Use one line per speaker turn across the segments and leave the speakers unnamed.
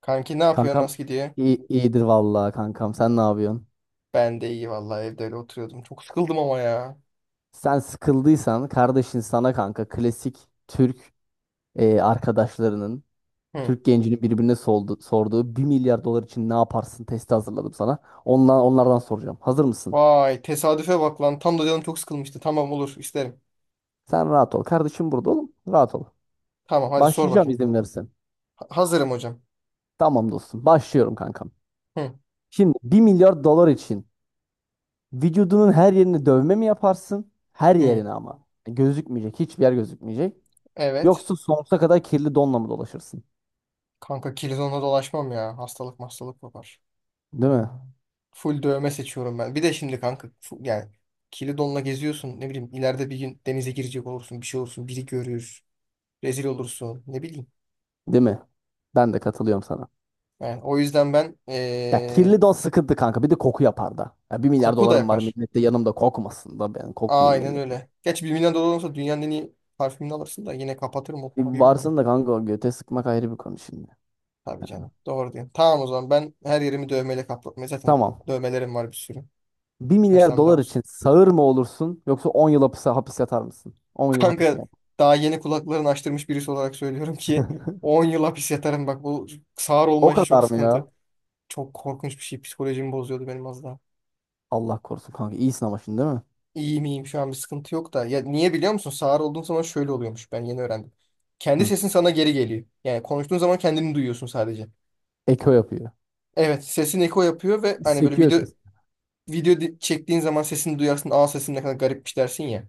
Kanki ne yapıyor?
Kankam
Nasıl gidiyor?
iyi, iyidir vallahi kankam. Sen ne yapıyorsun?
Ben de iyi vallahi, evde öyle oturuyordum. Çok sıkıldım ama ya.
Sen sıkıldıysan kardeşin sana kanka klasik Türk arkadaşlarının
Hı.
Türk gencinin sorduğu bir milyar dolar için ne yaparsın testi hazırladım sana. Onlardan soracağım. Hazır mısın?
Vay tesadüfe bak lan. Tam da canım çok sıkılmıştı. Tamam, olur, isterim.
Sen rahat ol. Kardeşim burada oğlum. Rahat ol.
Tamam, hadi sor
Başlayacağım
bakayım.
izin verirsen.
Hazırım hocam.
Tamam dostum. Başlıyorum kankam.
Hı.
Şimdi bir milyar dolar için vücudunun her yerini dövme mi yaparsın? Her
Hı.
yerine ama. Gözükmeyecek. Hiçbir yer gözükmeyecek.
Evet.
Yoksa sonsuza kadar kirli donla mı dolaşırsın?
Kanka kilizonla dolaşmam ya. Hastalık hastalık yapar.
Değil mi?
Full dövme seçiyorum ben. Bir de şimdi kanka yani kilidonla geziyorsun. Ne bileyim, ileride bir gün denize girecek olursun. Bir şey olursun. Biri görür. Rezil olursun. Ne bileyim.
Değil mi? Ben de katılıyorum sana.
Yani o yüzden ben
Ya kirli don sıkıntı kanka. Bir de koku yapar da. Ya bir milyar
koku da
dolarım var
yapar.
millette yanımda kokmasın da ben kokmayayım
Aynen
milleti.
öyle. Geç, 1 milyon dolar olsa dünyanın en iyi parfümünü alırsın da yine kapatırım o
Bir
kokuyu, bilmiyorum.
varsın da kanka o göte sıkmak ayrı bir konu şimdi.
Tabii canım. Doğru diyorsun. Tamam, o zaman ben her yerimi dövmeyle kaplatmaya zaten
Tamam.
dövmelerim var, bir sürü.
Bir
Kaç
milyar
tane daha
dolar için
olsun.
sağır mı olursun yoksa 10 yıl hapis yatar mısın? 10 yıl hapis mi
Kanka,
yat?
daha yeni kulaklarını açtırmış birisi olarak söylüyorum ki 10 yıl hapis yatarım, bak bu sağır olma
O
işi çok
kadar mı ya?
sıkıntı. Çok korkunç bir şey, psikolojimi bozuyordu benim az daha.
Allah korusun kanka. İyisin ama şimdi değil mi?
İyi miyim şu an, bir sıkıntı yok da. Ya niye biliyor musun? Sağır olduğun zaman şöyle oluyormuş, ben yeni öğrendim. Kendi
Hı.
sesin sana geri geliyor. Yani konuştuğun zaman kendini duyuyorsun sadece.
Eko yapıyor.
Evet, sesin eko yapıyor ve hani böyle
Sekiyor
video
ses.
çektiğin zaman sesini duyarsın. Aa, sesim ne kadar garipmiş dersin ya.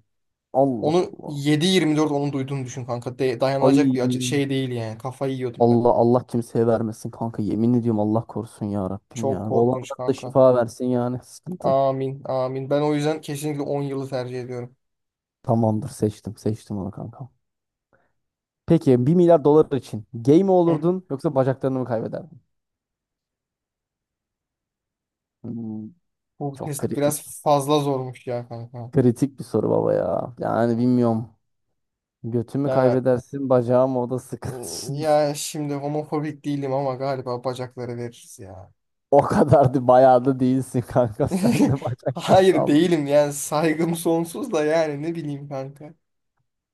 Allah
Onu
Allah.
7/24 onun duyduğunu düşün kanka. Dayanılacak bir acı
Ay.
şey değil yani. Kafayı yiyordum ben.
Allah Allah kimseye vermesin kanka. Yemin ediyorum Allah korusun ya Rabbim
Çok
ya.
korkunç
Olanlar da
kanka.
şifa versin yani. Sıkıntı.
Amin, amin. Ben o yüzden kesinlikle 10 yılı tercih ediyorum.
Tamamdır seçtim. Seçtim onu kanka. Peki bir milyar dolar için gay mi
Hı.
olurdun yoksa bacaklarını mı kaybederdin? Hmm,
Bu
çok
test
kritik.
biraz fazla zormuş ya kanka.
Kritik bir soru baba ya. Yani bilmiyorum. Götümü
Ya,
kaybedersin bacağım o da sıkıntı şimdi.
ya şimdi homofobik değilim ama galiba bacakları veririz ya.
O kadar da bayağı da değilsin kanka. Sen de bacakları
Hayır,
sal.
değilim yani, saygım sonsuz da, yani ne bileyim kanka.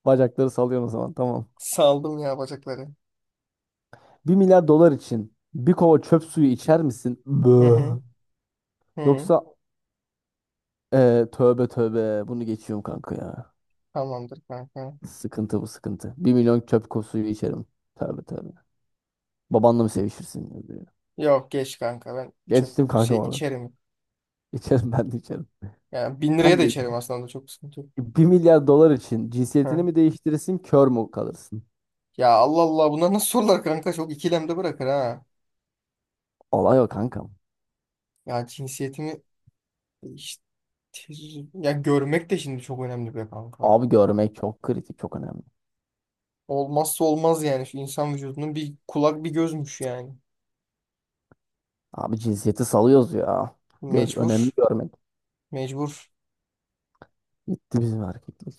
Bacakları sallıyorsun o zaman tamam.
Saldım ya bacakları.
Bir milyar dolar için bir kova çöp suyu içer misin?
Hı
Bö.
hı. Hı.
Yoksa tövbe tövbe bunu geçiyorum kanka ya.
Tamamdır kanka.
Sıkıntı bu sıkıntı. Bir milyon suyu içerim. Tövbe tövbe. Babanla mı sevişirsin ya diyor.
Yok geç kanka, ben çok
Geçtim
şey
kanka bana.
içerim.
İçerim ben de içerim.
Yani bin liraya da
Kanka
içerim aslında, çok sıkıntı yok.
bir milyar dolar için cinsiyetini
Ha.
mi değiştirirsin kör mü kalırsın?
Ya Allah Allah, bunlar nasıl sorular kanka, çok ikilemde bırakır ha.
Olay o kankam.
Ya cinsiyetimi işte, ya görmek de şimdi çok önemli be kanka.
Abi görmek çok kritik çok önemli.
Olmazsa olmaz yani, şu insan vücudunun bir kulak bir gözmüş yani.
Abi cinsiyeti salıyoruz ya. Göz,
Mecbur.
önemli görmek.
Mecbur.
Gitti bizim erkeklik.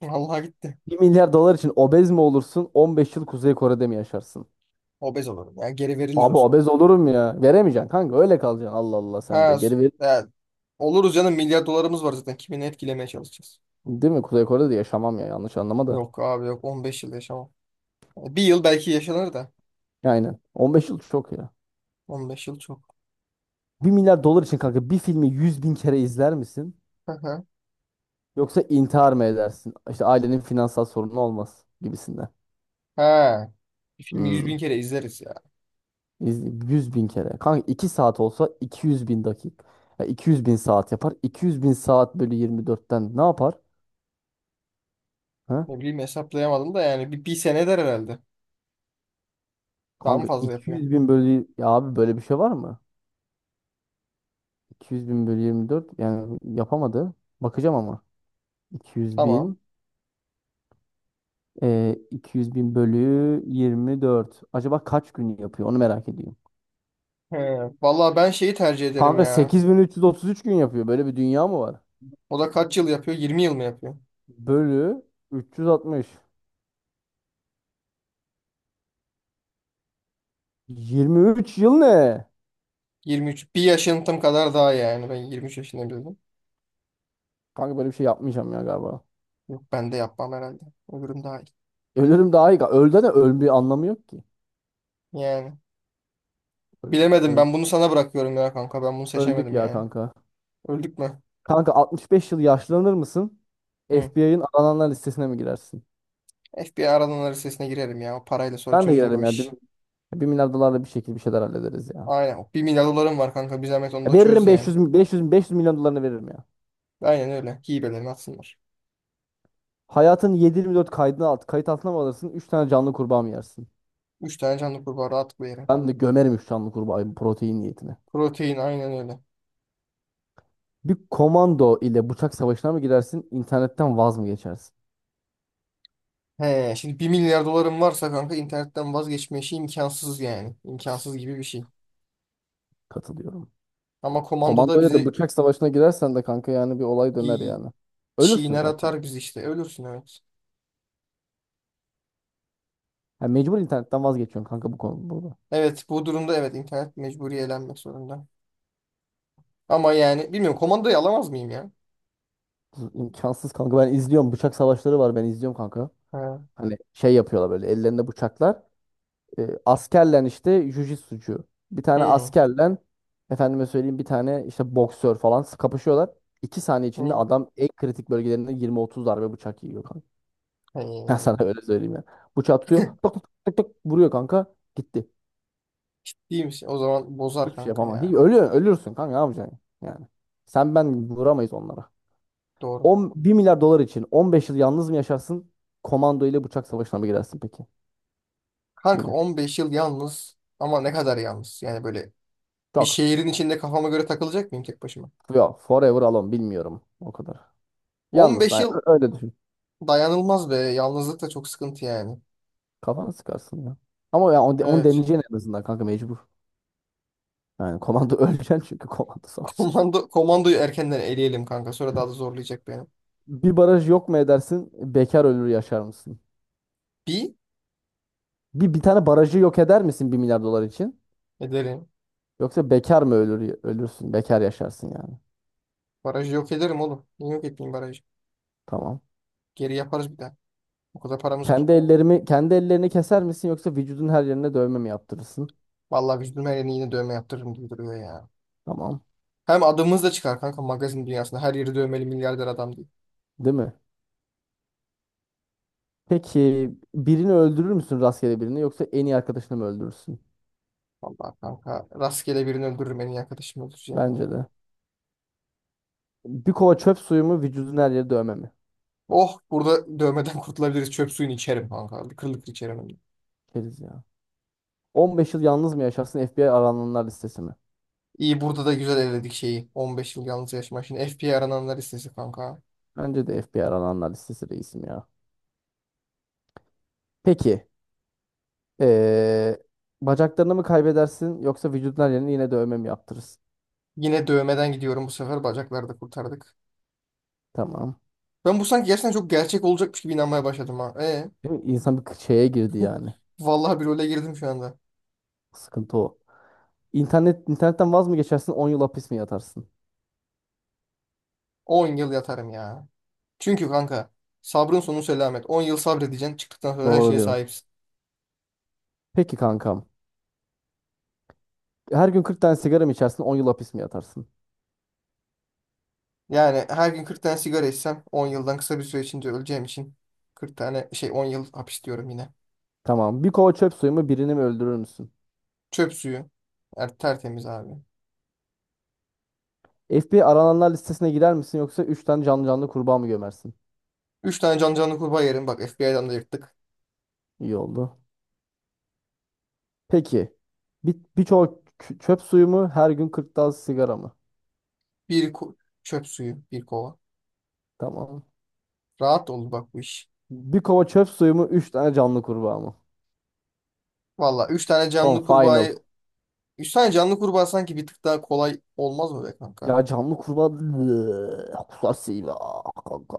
Vallahi gitti.
Bir milyar dolar için obez mi olursun 15 yıl Kuzey Kore'de mi yaşarsın?
Obez olurum ya, geri verilir o
Abi
sonra.
obez olurum ya. Veremeyeceksin kanka öyle kalacaksın. Allah Allah sen de.
Ha, s-
Geri ver.
ya, Oluruz canım, milyar dolarımız var zaten. Kimini etkilemeye çalışacağız.
Değil mi? Kuzey Kore'de de yaşamam ya yanlış anlama da.
Yok abi yok, 15 yıl yaşamam. Bir yıl belki yaşanır da
Ya aynen. 15 yıl çok ya.
15 yıl çok.
Bir milyar dolar için kanka bir filmi 100 bin kere izler misin?
Hı hı.
Yoksa intihar mı edersin? İşte ailenin finansal sorunu olmaz gibisinden.
Ha, bir filmi yüz bin
Hmm.
kere izleriz ya.
100 bin kere. Kanka 2 saat olsa 200 bin dakika. Ya 200 bin saat yapar. 200 bin saat bölü 24'ten ne yapar? Ha?
Ne bileyim, hesaplayamadım da yani bir sene eder herhalde. Daha mı
Kanka
fazla
iki
yapıyor?
yüz bin bölü... Ya abi böyle bir şey var mı? 200 bin bölü 24 yani yapamadı. Bakacağım ama. 200
Tamam.
bin. 200 bin bölü 24. Acaba kaç gün yapıyor? Onu merak ediyorum.
He, Vallahi ben şeyi tercih ederim
Kanka
ya.
8333 gün yapıyor. Böyle bir dünya mı var?
O da kaç yıl yapıyor? 20 yıl mı yapıyor?
Bölü 360. 23 yıl ne?
23. Bir yaşıntım kadar daha yani. Ben 23 yaşında bildim.
Kanka böyle bir şey yapmayacağım ya galiba.
Yok, ben de yapmam herhalde. Öbürüm daha iyi.
Ölürüm daha iyi. Öldü de öl bir anlamı yok ki.
Yani.
Öldük,
Bilemedim,
öl-
ben bunu sana bırakıyorum ya kanka, ben bunu
Öldük
seçemedim
ya
yani.
kanka.
Öldük mü?
Kanka 65 yıl yaşlanır mısın?
Hı.
FBI'ın arananlar listesine mi girersin?
FBI aradan listesine girerim ya, o parayla sonra
Ben de
çözülür o
girerim ya.
iş.
Bir milyar dolarla bir şekilde bir şeyler hallederiz ya.
Aynen, o bir milyar dolarım var kanka, bir zahmet onu
Ya
da çöz
veririm
yani.
500 milyon dolarını veririm ya.
Aynen öyle, hibelerini atsınlar.
Hayatın 7/24 kaydına alt kayıt altına mı alırsın? 3 tane canlı kurbağa mı yersin?
3 tane canlı kurbağa rahatlıkla yere
Ben
kanka.
de gömerim 3 canlı kurbağayı protein niyetine.
Protein, aynen öyle.
Bir komando ile bıçak savaşına mı girersin? İnternetten vaz mı geçersin?
He, Şimdi bir milyar dolarım varsa kanka, internetten vazgeçme işi imkansız yani. İmkansız gibi bir şey.
Katılıyorum.
Ama komandoda
Komando ile de
bizi
bıçak savaşına girersen de kanka yani bir olay döner
bir
yani. Ölürsün
çiğner
zaten.
atar, biz işte ölürsün evet.
Ya mecbur internetten vazgeçiyorsun kanka bu konu burada.
Evet, bu durumda evet, internet mecburi elenmek zorunda. Ama yani bilmiyorum, komandayı alamaz mıyım ya?
İmkansız kanka ben izliyorum. Bıçak savaşları var ben izliyorum kanka.
Ha.
Hani şey yapıyorlar böyle ellerinde bıçaklar. Askerlen işte jujitsucu. Bir tane
Hı.
askerlen efendime söyleyeyim bir tane işte boksör falan kapışıyorlar. İki saniye içinde
Hı.
adam en kritik bölgelerinde 20-30 darbe bıçak yiyor kanka. Ben sana
He.
öyle söyleyeyim ya. Bıçağı tutuyor. Tık tık tık tık vuruyor kanka. Gitti.
İyiymiş. O zaman bozar
Hiçbir şey
kanka
yapamam.
ya.
Ölürsün kanka ne yapacaksın yani. Sen ben vuramayız onlara.
Doğru.
1 milyar dolar için 15 yıl yalnız mı yaşarsın? Komando ile bıçak savaşına mı girersin peki?
Kanka
Yine.
15 yıl yalnız, ama ne kadar yalnız? Yani böyle bir
Çok.
şehrin içinde kafama göre takılacak mıyım tek başıma?
Yok. Forever alone. Bilmiyorum. O kadar.
on
Yalnız.
beş yıl
Öyle düşün.
dayanılmaz be. Yalnızlık da çok sıkıntı yani.
Kafanı sıkarsın ya. Ama ya onu
Evet.
deneyeceksin en azından kanka mecbur. Yani komando öleceksin çünkü komando savaşında.
Komandoyu erkenden eleyelim kanka. Sonra daha da zorlayacak beni.
Bir baraj yok mu edersin? Bekar ölür yaşar mısın?
Bir
Bir tane barajı yok eder misin bir milyar dolar için?
ederim.
Yoksa bekar mı ölür ölürsün? Bekar yaşarsın yani.
Barajı yok ederim oğlum. Niye yok etmeyeyim barajı?
Tamam.
Geri yaparız bir daha. O kadar paramız var.
Kendi ellerimi kendi ellerini keser misin yoksa vücudun her yerine dövme mi yaptırırsın?
Vallahi vücudum her yerine yine dövme yaptırırım gibi duruyor ya.
Tamam.
Hem adımız da çıkar kanka magazin dünyasında. Her yeri dövmeli milyarder adam, değil.
Değil mi? Peki birini öldürür müsün rastgele birini yoksa en iyi arkadaşını mı öldürürsün?
Vallahi kanka, rastgele birini öldürürüm, en iyi arkadaşımı öldüreceğim
Bence
ya.
de. Bir kova çöp suyu mu vücudun her yeri dövme mi?
Oh, burada dövmeden kurtulabiliriz. Çöp suyunu içerim kanka. Kırıl kırıl içerim hem de.
Keriz ya. 15 yıl yalnız mı yaşarsın FBI arananlar listesi mi?
İyi, burada da güzel evledik şeyi. 15 yıl yalnız yaşama. Şimdi FBI'ye arananlar listesi kanka.
Bence de FBI arananlar listesi reisim ya. Peki. eee, bacaklarını mı kaybedersin yoksa vücudundan yerini yine dövme mi yaptırırsın?
Yine dövmeden gidiyorum bu sefer. Bacakları da kurtardık.
Tamam.
Ben bu sanki gerçekten çok gerçek olacakmış gibi inanmaya başladım ha.
Değil mi? İnsan bir şeye girdi yani.
Vallahi bir role girdim şu anda.
Sıkıntı o. İnternetten vaz mı geçersin 10 yıl hapis mi yatarsın?
10 yıl yatarım ya. Çünkü kanka sabrın sonu selamet. 10 yıl sabredeceksin. Çıktıktan sonra her
Doğru
şeye
diyorsun.
sahipsin.
Peki kankam. Her gün 40 tane sigara mı içersin 10 yıl hapis mi yatarsın?
Yani her gün 40 tane sigara içsem 10 yıldan kısa bir süre içinde öleceğim için 40 tane şey 10 yıl hapis diyorum yine.
Tamam. Bir kova çöp suyu mu birini mi öldürür müsün?
Çöp suyu. Tertemiz abi.
FBI arananlar listesine girer misin yoksa 3 tane canlı canlı kurbağa mı gömersin?
3 tane can canlı kurbağa yerim. Bak FBI'dan da yırttık.
İyi oldu. Peki. Bir çöp suyu mu? Her gün 40 tane sigara mı?
Bir ku- Çöp suyu. Bir kova.
Tamam.
Rahat olur bak bu iş.
Bir kova çöp suyu mu? Üç tane canlı kurbağa mı?
Valla, 3 tane
Tamam
canlı
final.
kurbağayı 3 tane canlı kurbağa sanki bir tık daha kolay olmaz mı be kanka?
Ya canlı kurbağa kusasıyla kanka.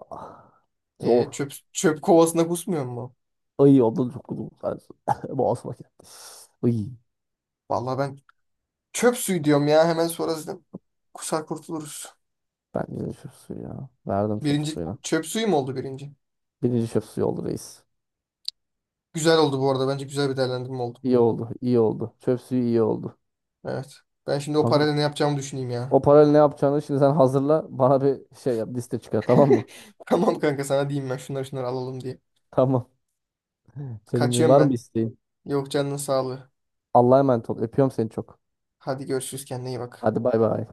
E,
Zor.
çöp, çöp kovasına kusmuyor mu?
Ay ondan çok kudum sensin. Boğazıma geldi. Ay.
Valla ben çöp suyu diyorum ya. Hemen sonra zaten kusar kurtuluruz.
Ben birinci çöp suyu ya. Verdim çöp
Birinci
suyuna.
çöp suyu mu oldu birinci?
Birinci çöp suyu oldu reis.
Güzel oldu bu arada. Bence güzel bir değerlendirme oldu.
İyi oldu. İyi oldu. Çöp suyu iyi oldu.
Evet. Ben şimdi o
Kanka
parayla ne yapacağımı düşüneyim ya.
o parayla ne yapacağını şimdi sen hazırla. Bana bir şey yap. Liste çıkar tamam mı?
Tamam kanka, sana diyeyim ben şunları şunları alalım diye.
Tamam. Canım benim
Kaçıyorum
var mı
ben.
isteğin?
Yok, canının sağlığı.
Allah'a emanet ol. Öpüyorum seni çok.
Hadi görüşürüz, kendine iyi bak.
Hadi bay bay.